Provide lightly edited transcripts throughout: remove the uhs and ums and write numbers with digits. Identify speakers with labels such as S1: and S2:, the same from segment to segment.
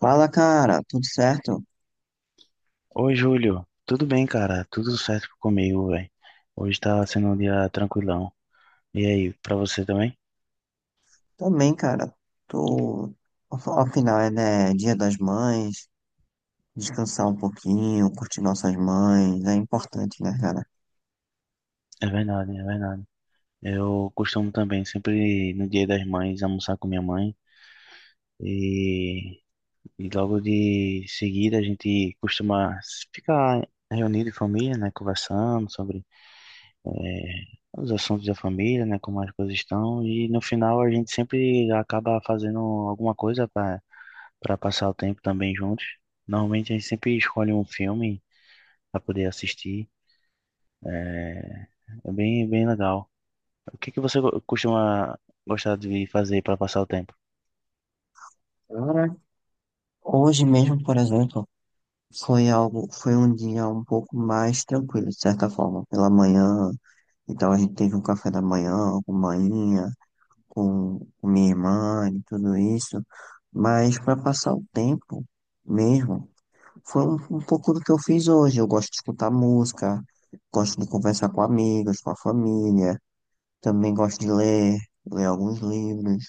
S1: Fala, cara, tudo certo?
S2: Oi, Júlio. Tudo bem, cara? Tudo certo comigo, velho. Hoje tá sendo um dia tranquilão. E aí, pra você também?
S1: Também, cara. Tô. Afinal, é, né, Dia das Mães, descansar um pouquinho, curtir nossas mães, é importante, né, cara?
S2: É verdade, é verdade. Eu costumo também, sempre no Dia das Mães, almoçar com minha mãe. E, e logo de seguida a gente costuma ficar reunido em família, né? Conversando sobre eh, os assuntos da família, né? Como as coisas estão. E no final a gente sempre acaba fazendo alguma coisa, para passar o tempo também juntos. Normalmente a gente sempre escolhe um filme para poder assistir. É, é bem, bem legal. O que que você costuma gostar de fazer para passar o tempo?
S1: Cara, hoje mesmo, por exemplo, foi um dia um pouco mais tranquilo, de certa forma. Pela manhã, então a gente teve um café da manhã com manhinha, com minha irmã e tudo isso. Mas para passar o tempo mesmo, foi um pouco do que eu fiz hoje. Eu gosto de escutar música, gosto de conversar com amigos, com a família. Também gosto de ler alguns livros,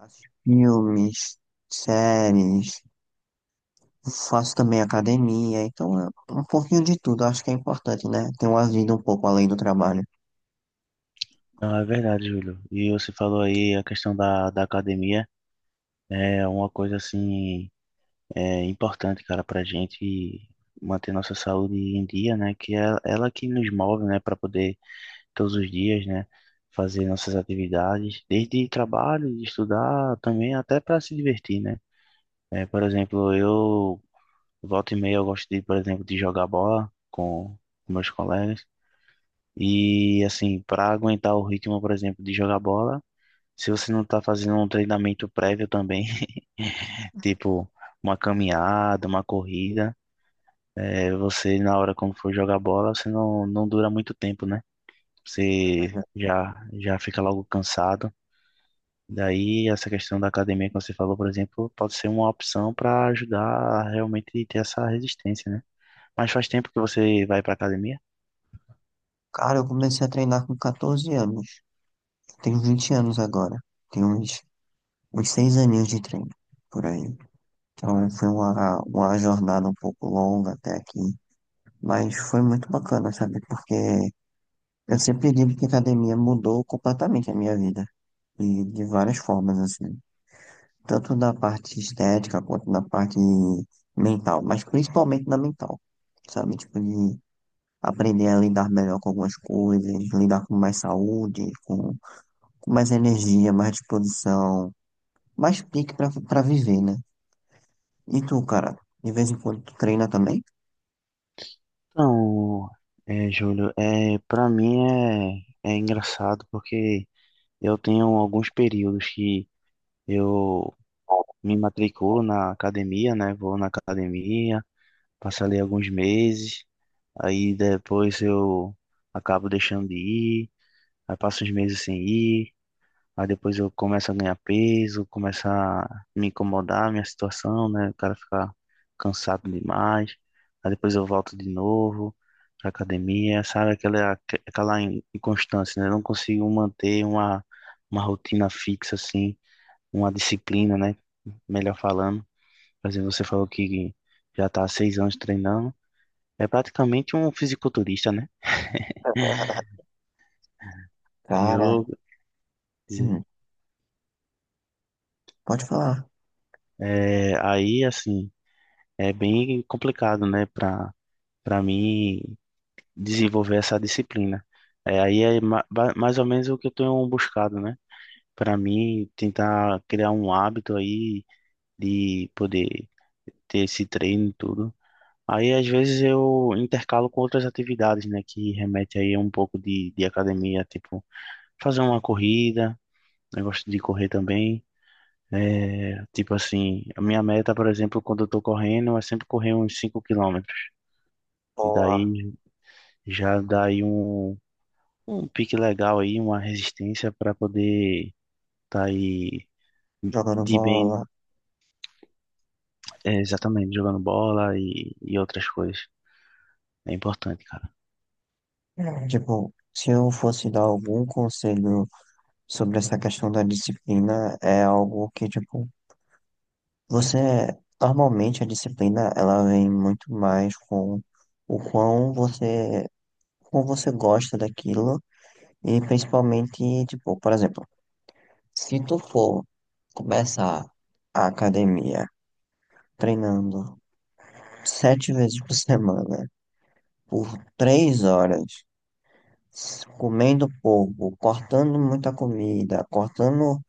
S1: assistir filmes, séries. Faço também academia. Então, é um pouquinho de tudo. Acho que é importante, né? Ter uma vida um pouco além do trabalho.
S2: Ah, é verdade, Júlio. E você falou aí a questão da academia. É uma coisa assim é importante, cara, para gente manter nossa saúde em dia, né? Que é ela que nos move, né? Para poder todos os dias, né? Fazer nossas atividades, desde trabalho, de estudar, também até para se divertir, né? É, por exemplo, eu volta e meia eu gosto de, por exemplo, de jogar bola com meus colegas. E assim, para aguentar o ritmo, por exemplo, de jogar bola, se você não tá fazendo um treinamento prévio também, tipo uma caminhada, uma corrida, é, você na hora quando for jogar bola, você não dura muito tempo, né?
S1: É
S2: Você
S1: verdade.
S2: já já fica logo cansado. Daí, essa questão da academia que você falou, por exemplo, pode ser uma opção para ajudar a realmente ter essa resistência, né? Mas faz tempo que você vai para academia?
S1: Cara, eu comecei a treinar com 14 anos. Tenho 20 anos agora. Tenho uns 6 aninhos de treino, por aí. Então, foi uma jornada um pouco longa até aqui. Mas foi muito bacana, sabe? Porque eu sempre digo que a academia mudou completamente a minha vida. E de várias formas, assim. Tanto na parte estética quanto na parte mental. Mas principalmente na mental. Sabe? Tipo, de aprender a lidar melhor com algumas coisas, lidar com mais saúde, com mais energia, mais disposição, mais pique pra viver, né? E tu, cara, de vez em quando tu treina também?
S2: Então, é, Júlio, é, para mim é engraçado porque eu tenho alguns períodos que eu me matriculo na academia, né? Vou na academia, passo ali alguns meses, aí depois eu acabo deixando de ir, aí passo uns meses sem ir. Aí depois eu começo a ganhar peso, começa a me incomodar a minha situação, né? O cara fica cansado demais. Aí depois eu volto de novo pra academia, sabe? Aquela inconstância, né? Eu não consigo manter uma rotina fixa, assim, uma disciplina, né? Melhor falando. Por exemplo, você falou que já tá há 6 anos treinando. É praticamente um fisiculturista, né?
S1: Cara,
S2: Eu, dizer,
S1: hum, pode falar.
S2: é, aí, assim, é bem complicado, né? para mim desenvolver essa disciplina. É, aí é mais ou menos o que eu tenho buscado, né? Para mim tentar criar um hábito aí de poder ter esse treino e tudo. Aí às vezes eu intercalo com outras atividades, né? Que remete aí a um pouco de academia, tipo fazer uma corrida, eu gosto de correr também. É, tipo assim, a minha meta, por exemplo, quando eu tô correndo, é sempre correr uns 5 quilômetros. E
S1: Boa.
S2: daí já dá aí um pique legal aí, uma resistência para poder estar tá aí
S1: Jogando
S2: de bem,
S1: bola.
S2: é, exatamente, jogando bola e outras coisas. É importante, cara.
S1: É. Tipo, se eu fosse dar algum conselho sobre essa questão da disciplina, é algo que, tipo, você. Normalmente a disciplina ela vem muito mais com o quão você, como você gosta daquilo e principalmente, tipo, por exemplo, se tu for começar a academia treinando 7 vezes por semana por 3 horas comendo pouco, cortando muita comida, cortando,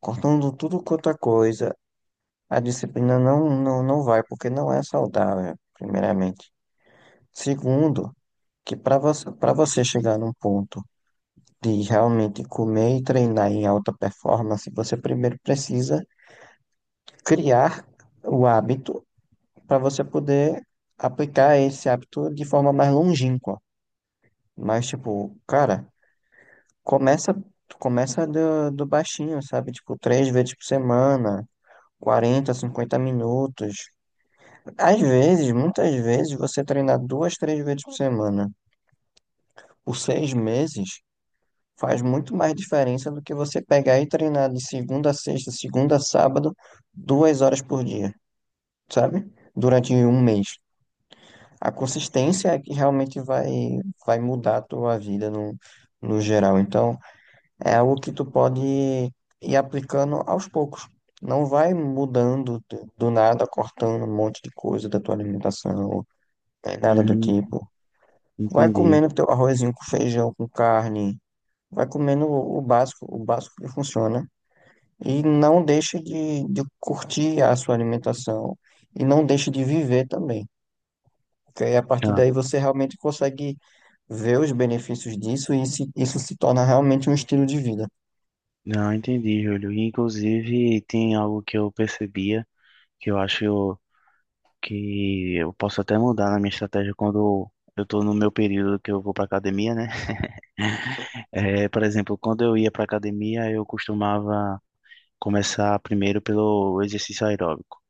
S1: cortando tudo quanto é coisa, a disciplina não, não, não vai, porque não é saudável, primeiramente. Segundo, que para você chegar num ponto de realmente comer e treinar em alta performance, você primeiro precisa criar o hábito para você poder aplicar esse hábito de forma mais longínqua. Mas, tipo, cara. Começa, começa do baixinho, sabe? Tipo, 3 vezes por semana, 40, 50 minutos. Às vezes, muitas vezes, você treinar duas, três vezes por semana por 6 meses faz muito mais diferença do que você pegar e treinar de segunda a sexta, segunda a sábado, 2 horas por dia, sabe? Durante um mês. A consistência é que realmente vai mudar a tua vida no geral. Então, é algo que tu pode ir aplicando aos poucos. Não vai mudando do nada, cortando um monte de coisa da tua alimentação, né, nada do
S2: Hum,
S1: tipo. Vai
S2: Entendi.
S1: comendo teu arrozinho com feijão, com carne. Vai comendo o básico, o básico que funciona. E não deixe de curtir a sua alimentação. E não deixe de viver também. Porque aí, a partir
S2: Não,
S1: daí você realmente consegue ver os benefícios disso e isso se torna realmente um estilo de vida.
S2: não, entendi, Júlio. E, inclusive, tem algo que eu percebia que eu acho que eu posso até mudar na minha estratégia quando eu tô no meu período que eu vou pra academia, né? É, por exemplo, quando eu ia pra academia, eu costumava começar primeiro pelo exercício aeróbico.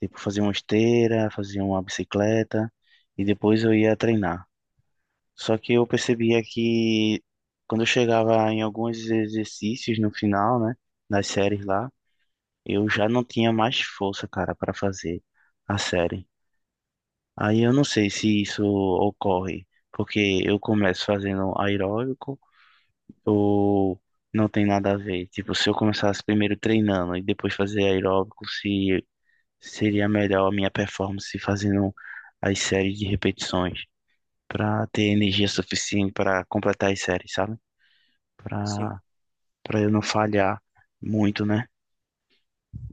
S2: Tipo, fazia uma esteira, fazia uma bicicleta e depois eu ia treinar. Só que eu percebia que quando eu chegava em alguns exercícios no final, né, das séries lá, eu já não tinha mais força, cara, para fazer a série. Aí eu não sei se isso ocorre, porque eu começo fazendo aeróbico ou não tem nada a ver. Tipo, se eu começasse primeiro treinando e depois fazer aeróbico, se seria melhor a minha performance fazendo as séries de repetições para ter energia suficiente para completar as séries, sabe?
S1: Sim.
S2: Para para eu não falhar muito, né?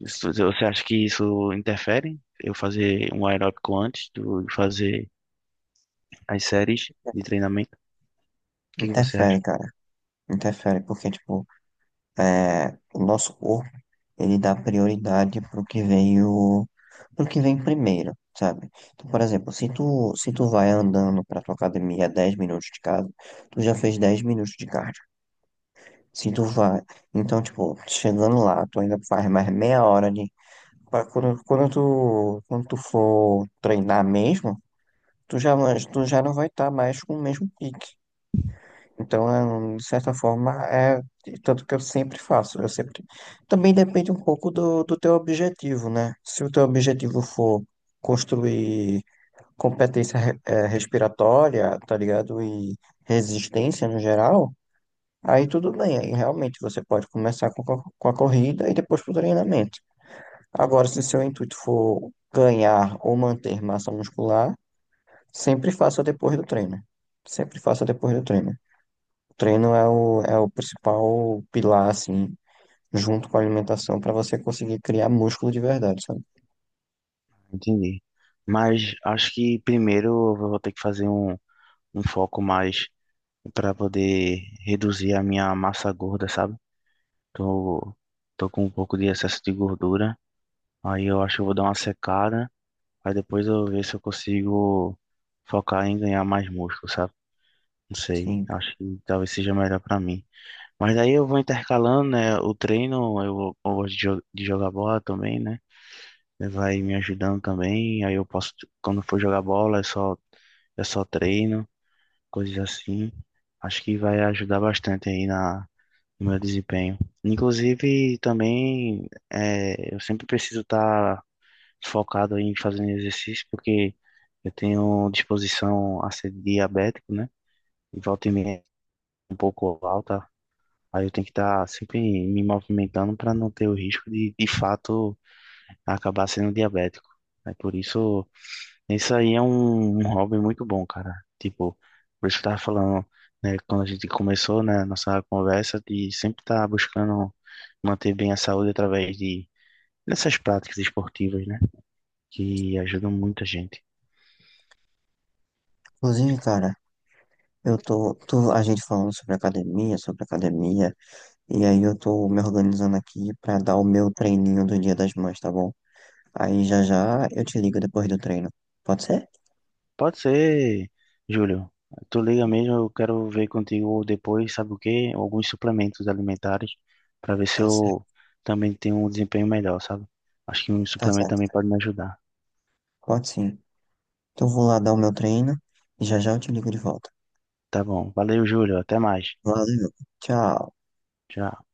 S2: Você acha que isso interfere? Eu fazer um aeróbico antes do fazer as séries de treinamento? O que que você acha?
S1: Interfere, cara. Interfere, porque, tipo, é, o nosso corpo, ele dá prioridade pro que veio, pro que vem primeiro, sabe? Então, por exemplo, se tu vai andando pra tua academia 10 minutos de casa, tu já fez 10 minutos de cardio. Se tu vai, então, tipo, chegando lá, tu ainda faz mais meia hora de, pra quando tu for treinar mesmo, tu já, tu já não vai estar mais com o mesmo pique. Então, é, de certa forma, é tanto que eu sempre faço. Eu sempre. Também depende um pouco do teu objetivo, né? Se o teu objetivo for construir competência respiratória, tá ligado? E resistência no geral, aí tudo bem. Aí realmente você pode começar com a corrida e depois com o treinamento. Agora, se seu intuito for ganhar ou manter massa muscular, sempre faça depois do treino. Sempre faça depois do treino. Treino é o principal pilar, assim, junto com a alimentação, para você conseguir criar músculo de verdade, sabe?
S2: Entendi. Mas acho que primeiro eu vou ter que fazer um foco mais para poder reduzir a minha massa gorda, sabe? Tô, tô com um pouco de excesso de gordura. Aí eu acho que eu vou dar uma secada. Aí depois eu ver se eu consigo focar em ganhar mais músculo, sabe? Não sei.
S1: Sim.
S2: Acho que talvez seja melhor pra mim. Mas daí eu vou intercalando, né? O treino, eu gosto de jogar bola também, né? Vai me ajudando também. Aí eu posso, quando for jogar bola, é só treino, coisas assim. Acho que vai ajudar bastante aí na no meu desempenho. Inclusive, também é, eu sempre preciso estar focado em fazer exercício, porque eu tenho disposição a ser diabético, né? E volta e meia é um pouco alta. Aí eu tenho que estar sempre me movimentando para não ter o risco de fato, acabar sendo diabético. É por isso aí é um hobby muito bom, cara. Tipo, por isso que eu tava falando, né, quando a gente começou, né, nossa conversa, de sempre estar buscando manter bem a saúde através de dessas práticas esportivas, né, que ajudam muita gente.
S1: Inclusive, cara, eu tô a gente falando sobre academia, e aí eu tô me organizando aqui pra dar o meu treininho do Dia das Mães, tá bom? Aí já já eu te ligo depois do treino. Pode ser?
S2: Pode ser, Júlio, tu liga mesmo, eu quero ver contigo depois, sabe o quê? Alguns suplementos alimentares, para ver se
S1: Tá
S2: eu
S1: certo,
S2: também tenho um desempenho melhor, sabe? Acho que um
S1: tá
S2: suplemento também
S1: certo.
S2: pode me ajudar.
S1: Pode sim. Então eu vou lá dar o meu treino e já já eu te ligo de volta.
S2: Tá bom. Valeu, Júlio. Até mais.
S1: Valeu, tchau.
S2: Tchau.